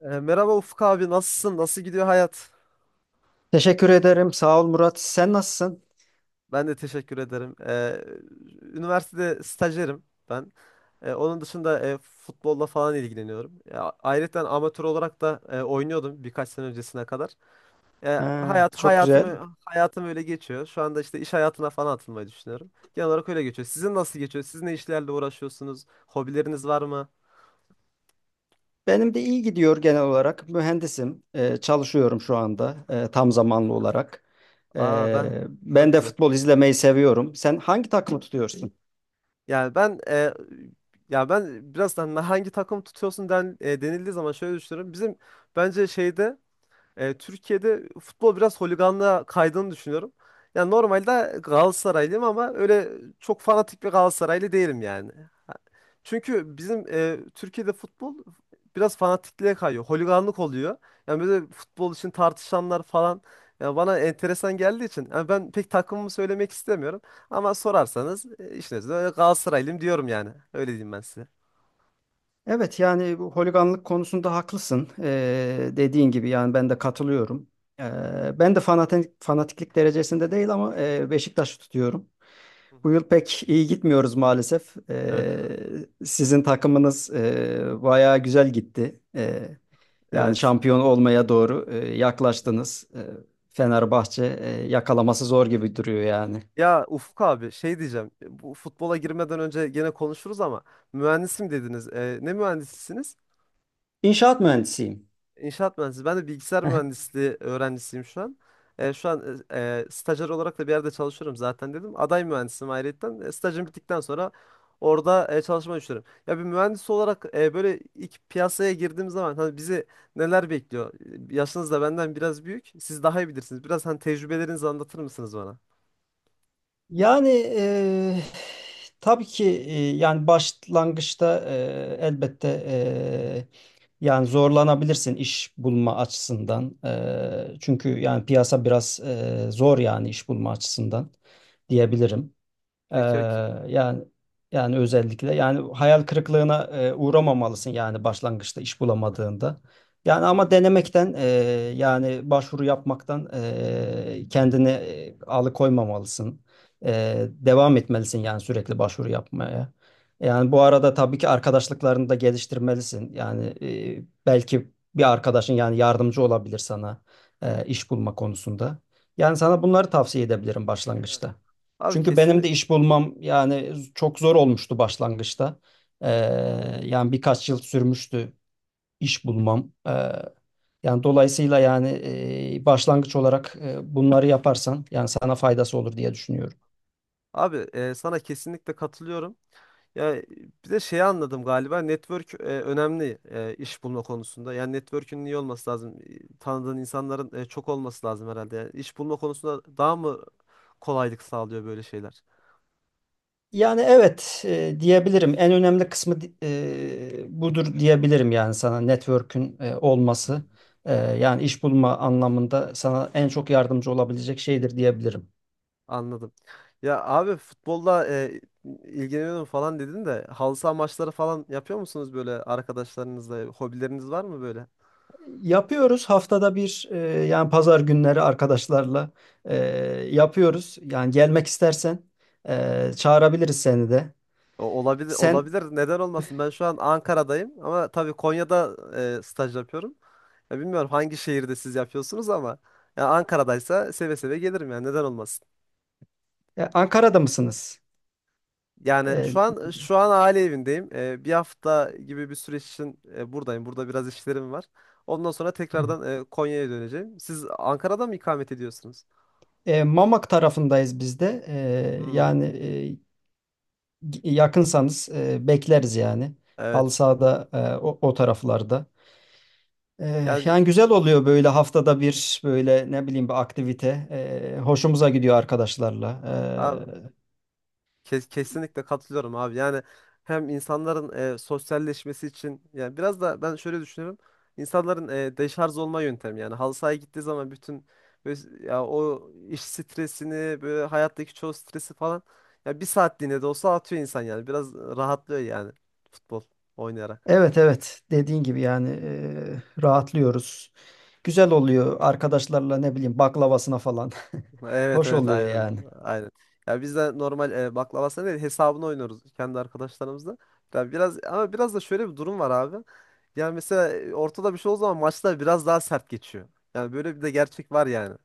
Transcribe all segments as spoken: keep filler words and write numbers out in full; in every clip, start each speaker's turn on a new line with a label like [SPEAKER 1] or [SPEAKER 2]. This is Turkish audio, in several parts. [SPEAKER 1] Ee, merhaba Ufuk abi, nasılsın? Nasıl gidiyor hayat?
[SPEAKER 2] Teşekkür ederim. Sağ ol Murat. Sen nasılsın?
[SPEAKER 1] Ben de teşekkür ederim. Ee, üniversitede stajyerim ben. Ee, onun dışında e, futbolla falan ilgileniyorum. Ya, ayrıca amatör olarak da e, oynuyordum birkaç sene öncesine kadar. Ee,
[SPEAKER 2] Ha,
[SPEAKER 1] hayat
[SPEAKER 2] çok güzel.
[SPEAKER 1] hayatımı hayatım öyle geçiyor. Şu anda işte iş hayatına falan atılmayı düşünüyorum. Genel olarak öyle geçiyor. Sizin nasıl geçiyor? Siz ne işlerle uğraşıyorsunuz? Hobileriniz var mı?
[SPEAKER 2] Benim de iyi gidiyor genel olarak. Mühendisim. Ee, çalışıyorum şu anda e, tam zamanlı olarak.
[SPEAKER 1] Aa ben,
[SPEAKER 2] Ee,
[SPEAKER 1] çok
[SPEAKER 2] ben de
[SPEAKER 1] güzel.
[SPEAKER 2] futbol izlemeyi seviyorum. Sen hangi takımı tutuyorsun?
[SPEAKER 1] Yani ben, e, ya ben biraz da hani hangi takım tutuyorsun den, e, denildiği zaman şöyle düşünüyorum. Bizim, bence şeyde, e, Türkiye'de futbol biraz holiganlığa kaydığını düşünüyorum. Yani normalde Galatasaraylıyım ama öyle çok fanatik bir Galatasaraylı değilim yani. Ha- Çünkü bizim, e, Türkiye'de futbol biraz fanatikliğe kayıyor. Holiganlık oluyor. Yani böyle futbol için tartışanlar falan yani bana enteresan geldiği için yani ben pek takımımı söylemek istemiyorum. Ama sorarsanız, e, işin özü öyle Galatasaraylıyım diyorum yani. Öyle diyeyim ben size.
[SPEAKER 2] Evet, yani bu holiganlık konusunda haklısın. Ee, dediğin gibi yani ben de katılıyorum. Ee, ben de fanatik, fanatiklik derecesinde değil ama e, Beşiktaş'ı tutuyorum.
[SPEAKER 1] Hı
[SPEAKER 2] Bu
[SPEAKER 1] hı.
[SPEAKER 2] yıl pek iyi gitmiyoruz maalesef.
[SPEAKER 1] Evet.
[SPEAKER 2] Ee, sizin takımınız e, bayağı güzel gitti. Ee, yani
[SPEAKER 1] Evet.
[SPEAKER 2] şampiyon olmaya doğru e, yaklaştınız. Ee, Fenerbahçe e, yakalaması zor gibi duruyor yani.
[SPEAKER 1] Ya Ufuk abi, şey diyeceğim. Bu futbola girmeden önce gene konuşuruz ama mühendisim dediniz. Ee, ne mühendisisiniz?
[SPEAKER 2] İnşaat mühendisiyim.
[SPEAKER 1] İnşaat mühendisi. Ben de bilgisayar mühendisliği öğrencisiyim şu an. Ee, şu an, e, e, stajyer olarak da bir yerde çalışıyorum zaten dedim. Aday mühendisim ayrıyetten. E, stajım bittikten sonra orada e, çalışmayı düşünüyorum. Ya bir mühendis olarak e, böyle ilk piyasaya girdiğim zaman hani bizi neler bekliyor? Yaşınız da benden biraz büyük. Siz daha iyi bilirsiniz. Biraz hani tecrübelerinizi anlatır mısınız bana?
[SPEAKER 2] Yani eee, tabii ki eee, yani başlangıçta eee, elbette eee, yani zorlanabilirsin iş bulma açısından. Eee, çünkü yani piyasa biraz eee, zor yani iş bulma açısından diyebilirim. Ee,
[SPEAKER 1] E, ke- ke-
[SPEAKER 2] yani yani özellikle yani hayal kırıklığına e, uğramamalısın yani başlangıçta iş bulamadığında. Yani ama denemekten e, yani başvuru yapmaktan e, kendini e, alıkoymamalısın. E, devam etmelisin yani sürekli başvuru yapmaya. Yani bu arada tabii ki arkadaşlıklarını da geliştirmelisin. Yani e, belki bir arkadaşın yani yardımcı olabilir sana e, iş bulma konusunda. Yani sana bunları tavsiye edebilirim
[SPEAKER 1] Evet.
[SPEAKER 2] başlangıçta.
[SPEAKER 1] Abi
[SPEAKER 2] Çünkü
[SPEAKER 1] kesin,
[SPEAKER 2] benim de iş bulmam yani çok zor olmuştu başlangıçta. Ee, yani birkaç yıl sürmüştü iş bulmam. Ee, yani dolayısıyla yani e, başlangıç olarak e, bunları yaparsan yani sana faydası olur diye düşünüyorum.
[SPEAKER 1] abi, e, sana kesinlikle katılıyorum. Ya, e, bir de şeyi anladım galiba, network e, önemli e, iş bulma konusunda. Yani network'ün iyi olması lazım. E, tanıdığın insanların e, çok olması lazım herhalde. Yani iş bulma konusunda daha mı kolaylık sağlıyor böyle şeyler?
[SPEAKER 2] Yani evet, e, diyebilirim. En önemli kısmı di- e, budur diyebilirim yani sana network'ün e, olması. E, yani iş bulma anlamında sana en çok yardımcı olabilecek şeydir diyebilirim.
[SPEAKER 1] Anladım. Ya abi, futbolla e, ilgileniyorum falan dedin de halı saha maçları falan yapıyor musunuz böyle arkadaşlarınızla? Hobileriniz var mı böyle?
[SPEAKER 2] Yapıyoruz haftada bir, e, yani pazar günleri arkadaşlarla e, yapıyoruz. Yani gelmek istersen e, çağırabiliriz seni de.
[SPEAKER 1] O- Olabilir,
[SPEAKER 2] Sen
[SPEAKER 1] olabilir. Neden olmasın? Ben şu an Ankara'dayım ama tabii Konya'da e, staj yapıyorum. Ya bilmiyorum hangi şehirde siz yapıyorsunuz ama ya Ankara'daysa seve seve gelirim yani, neden olmasın.
[SPEAKER 2] e, Ankara'da mısınız?
[SPEAKER 1] Yani
[SPEAKER 2] E,
[SPEAKER 1] şu an, şu an aile evindeyim. Ee, bir hafta gibi bir süreç için e, buradayım. Burada biraz işlerim var. Ondan sonra tekrardan e, Konya'ya döneceğim. Siz Ankara'da mı ikamet ediyorsunuz?
[SPEAKER 2] e, Mamak tarafındayız biz de. E,
[SPEAKER 1] Hmm,
[SPEAKER 2] yani e, yakınsanız e, bekleriz yani. Halı
[SPEAKER 1] evet.
[SPEAKER 2] sahada, e, o, o taraflarda. E,
[SPEAKER 1] Yani
[SPEAKER 2] yani güzel oluyor böyle haftada bir böyle ne bileyim bir aktivite. E, hoşumuza gidiyor arkadaşlarla.
[SPEAKER 1] abi,
[SPEAKER 2] E,
[SPEAKER 1] Ke- kesinlikle katılıyorum abi. Yani hem insanların e, sosyalleşmesi için, yani biraz da ben şöyle düşünüyorum. İnsanların e, deşarj olma yöntemi yani, halı sahaya gittiği zaman bütün böyle, ya, o iş stresini, böyle hayattaki çoğu stresi falan, ya bir saatliğine de olsa atıyor insan yani. Biraz rahatlıyor yani, futbol oynayarak.
[SPEAKER 2] Evet, evet, dediğin gibi yani eee, rahatlıyoruz. Güzel oluyor arkadaşlarla ne bileyim baklavasına falan.
[SPEAKER 1] Evet
[SPEAKER 2] Hoş
[SPEAKER 1] evet,
[SPEAKER 2] oluyor
[SPEAKER 1] aynen
[SPEAKER 2] yani.
[SPEAKER 1] aynen. Ya biz de normal, e, baklavasını değil, hesabını oynuyoruz kendi arkadaşlarımızla. Ya biraz, ama biraz da şöyle bir durum var abi. Yani mesela e, ortada bir şey olduğu zaman maçlar biraz daha sert geçiyor. Yani böyle bir de gerçek var yani.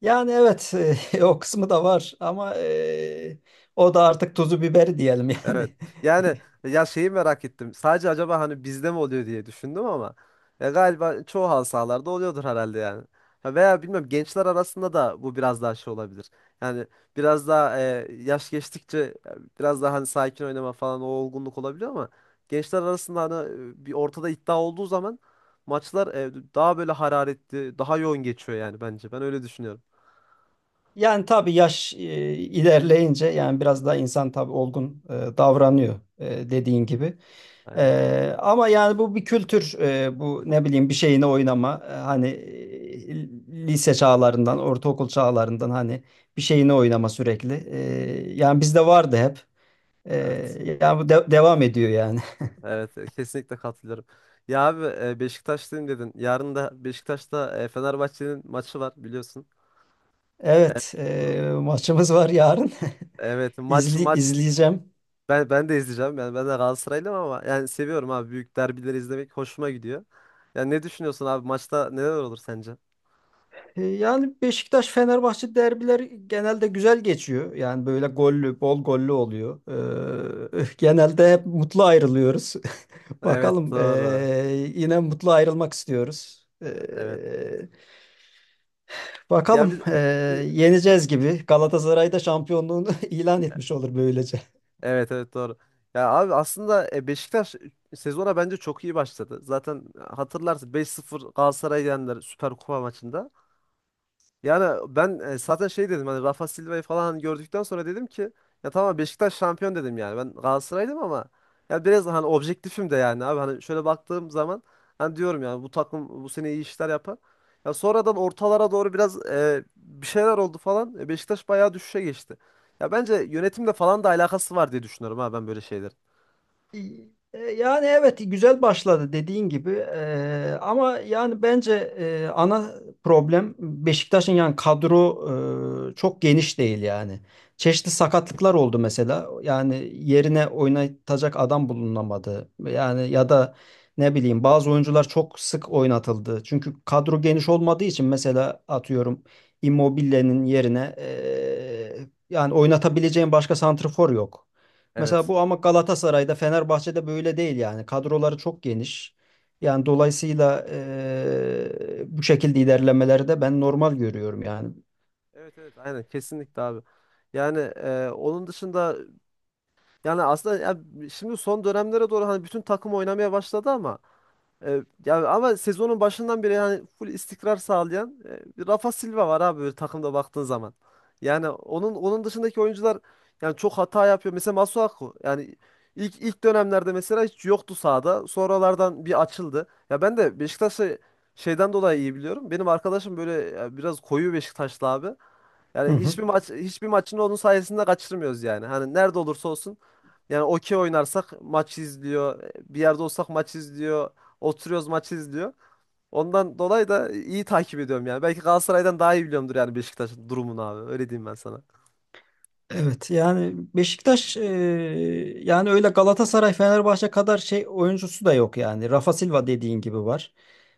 [SPEAKER 2] Yani evet, o kısmı da var ama e, o da artık tuzu biberi diyelim
[SPEAKER 1] Evet.
[SPEAKER 2] yani.
[SPEAKER 1] Yani ya, şeyi merak ettim. Sadece acaba hani bizde mi oluyor diye düşündüm ama ya galiba çoğu halı sahalarda oluyordur herhalde yani. Ha, veya bilmiyorum, gençler arasında da bu biraz daha şey olabilir. Yani biraz daha e, yaş geçtikçe e, biraz daha hani sakin oynama falan o olgunluk olabiliyor ama gençler arasında hani e, bir ortada iddia olduğu zaman maçlar e, daha böyle hararetli, daha yoğun geçiyor yani bence. Ben öyle düşünüyorum.
[SPEAKER 2] Yani tabii, yaş e, ilerleyince yani biraz daha insan tabii olgun e, davranıyor e, dediğin gibi.
[SPEAKER 1] Aynen.
[SPEAKER 2] E, ama yani bu bir kültür, e, bu ne bileyim bir şeyine oynama, E, hani e, lise çağlarından ortaokul çağlarından hani bir şeyine oynama sürekli. E, yani bizde vardı hep.
[SPEAKER 1] Evet.
[SPEAKER 2] E, yani bu de- devam ediyor yani.
[SPEAKER 1] Evet, e, kesinlikle katılıyorum. Ya abi, e, Beşiktaşlıyım dedin. Yarın da Beşiktaş'ta e, Fenerbahçe'nin maçı var biliyorsun.
[SPEAKER 2] Evet,
[SPEAKER 1] Hı.
[SPEAKER 2] e, maçımız var yarın.
[SPEAKER 1] Evet, maç
[SPEAKER 2] İzli,
[SPEAKER 1] maç
[SPEAKER 2] izleyeceğim.
[SPEAKER 1] ben ben de izleyeceğim. Yani ben de Galatasaraylıyım ama yani seviyorum abi, büyük derbileri izlemek hoşuma gidiyor. Yani ne düşünüyorsun abi, maçta neler olur sence?
[SPEAKER 2] E, yani Beşiktaş-Fenerbahçe derbileri genelde güzel geçiyor. Yani böyle gollü, bol gollü oluyor. E, genelde hep mutlu ayrılıyoruz.
[SPEAKER 1] Evet,
[SPEAKER 2] Bakalım,
[SPEAKER 1] doğru.
[SPEAKER 2] e, yine mutlu ayrılmak istiyoruz. E,
[SPEAKER 1] Evet. Ya
[SPEAKER 2] bakalım
[SPEAKER 1] biz,
[SPEAKER 2] e,
[SPEAKER 1] biz-
[SPEAKER 2] yeneceğiz gibi. Galatasaray da şampiyonluğunu ilan etmiş olur böylece.
[SPEAKER 1] evet evet, doğru. Ya abi, aslında e, Beşiktaş sezona bence çok iyi başladı. Zaten e, hatırlarsın, beş sıfır Galatasaray'ı yendiler Süper Kupa maçında. Yani ben, e, zaten şey dedim, hani Rafa Silva'yı falan hani gördükten sonra dedim ki ya tamam, Beşiktaş şampiyon dedim yani. Ben Galatasaray'dım ama ya biraz hani objektifim de yani abi, hani şöyle baktığım zaman hani diyorum yani bu takım bu sene iyi işler yapar. Ya sonradan ortalara doğru biraz e, bir şeyler oldu falan. E, Beşiktaş bayağı düşüşe geçti. Ya bence yönetimle falan da alakası var diye düşünüyorum ha, ben böyle şeylerin.
[SPEAKER 2] E, Yani evet, güzel başladı dediğin gibi. E, ama yani bence e, ana problem Beşiktaş'ın, yani kadro e, çok geniş değil yani. Çeşitli sakatlıklar oldu mesela, yani yerine oynatacak adam bulunamadı yani, ya da ne bileyim bazı oyuncular çok sık oynatıldı. Çünkü kadro geniş olmadığı için mesela atıyorum Immobile'nin yerine e, yani oynatabileceğin başka santrafor yok. Mesela
[SPEAKER 1] Evet.
[SPEAKER 2] bu, ama Galatasaray'da, Fenerbahçe'de böyle değil yani. Kadroları çok geniş. Yani dolayısıyla eee, bu şekilde ilerlemeleri de ben normal görüyorum yani.
[SPEAKER 1] Evet evet aynen, kesinlikle abi. Yani e, onun dışında, yani aslında ya şimdi son dönemlere doğru hani bütün takım oynamaya başladı ama e, ya ama sezonun başından beri yani full istikrar sağlayan e, bir Rafa Silva var abi, böyle takımda baktığın zaman. Yani onun onun dışındaki oyuncular yani çok hata yapıyor. Mesela Masuaku yani ilk ilk dönemlerde mesela hiç yoktu sahada. Sonralardan bir açıldı. Ya ben de Beşiktaş'ı şeyden dolayı iyi biliyorum. Benim arkadaşım böyle, ya biraz koyu Beşiktaşlı abi.
[SPEAKER 2] Hı
[SPEAKER 1] Yani
[SPEAKER 2] hı.
[SPEAKER 1] hiçbir maç, hiçbir maçın onun sayesinde kaçırmıyoruz yani. Hani nerede olursa olsun yani, okey oynarsak maç izliyor. Bir yerde olsak maç izliyor. Oturuyoruz maç izliyor. Ondan dolayı da iyi takip ediyorum yani. Belki Galatasaray'dan daha iyi biliyorumdur yani Beşiktaş'ın durumunu abi. Öyle diyeyim ben sana.
[SPEAKER 2] Evet, yani Beşiktaş e, yani öyle Galatasaray, Fenerbahçe kadar şey oyuncusu da yok yani. Rafa Silva dediğin gibi var.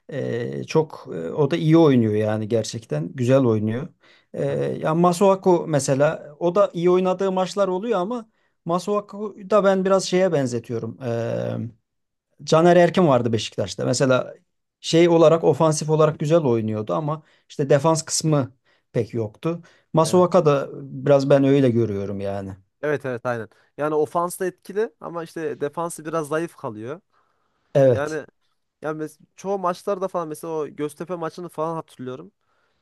[SPEAKER 2] E, çok e, o da iyi oynuyor yani, gerçekten güzel oynuyor. E,
[SPEAKER 1] Evet.
[SPEAKER 2] ya Masuaku mesela, o da iyi oynadığı maçlar oluyor ama Masuaku da ben biraz şeye benzetiyorum. Caner Erkin vardı Beşiktaş'ta. Mesela şey olarak, ofansif olarak güzel oynuyordu ama işte defans kısmı pek yoktu.
[SPEAKER 1] Evet.
[SPEAKER 2] Masuaka da biraz ben öyle görüyorum yani.
[SPEAKER 1] Evet evet aynen. Yani ofans da etkili ama işte defansı biraz zayıf kalıyor.
[SPEAKER 2] Evet.
[SPEAKER 1] Yani yani mes- çoğu maçlarda falan, mesela o Göztepe maçını falan hatırlıyorum.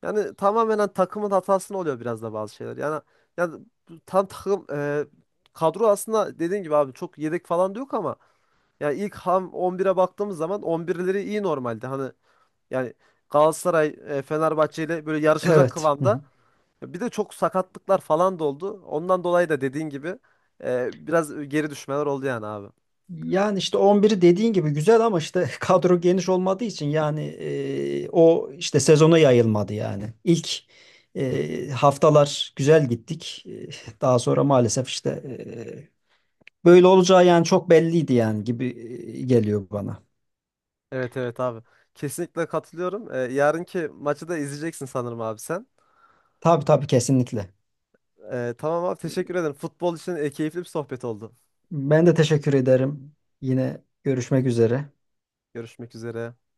[SPEAKER 1] Yani tamamen hani takımın hatasını oluyor biraz da bazı şeyler. Yani yani bu tam takım, e, kadro aslında dediğin gibi abi, çok yedek falan da yok ama yani ilk ham on bire baktığımız zaman on birleri iyi normalde. Hani yani Galatasaray, e, Fenerbahçe ile böyle yarışacak
[SPEAKER 2] Evet. Hı hı.
[SPEAKER 1] kıvamda. Bir de çok sakatlıklar falan da oldu. Ondan dolayı da dediğin gibi e, biraz geri düşmeler oldu yani abi.
[SPEAKER 2] Yani işte on biri dediğin gibi güzel ama işte kadro geniş olmadığı için yani e, o işte sezona yayılmadı yani. İlk e, haftalar güzel gittik. E, Daha sonra maalesef işte e, böyle olacağı yani çok belliydi yani gibi e, geliyor bana.
[SPEAKER 1] Evet evet abi. Kesinlikle katılıyorum. E, yarınki maçı da izleyeceksin sanırım abi sen.
[SPEAKER 2] Tabii tabii, kesinlikle.
[SPEAKER 1] E, tamam abi, teşekkür ederim. Futbol için e, keyifli bir sohbet oldu.
[SPEAKER 2] Ben de teşekkür ederim. Yine görüşmek üzere.
[SPEAKER 1] Görüşmek üzere.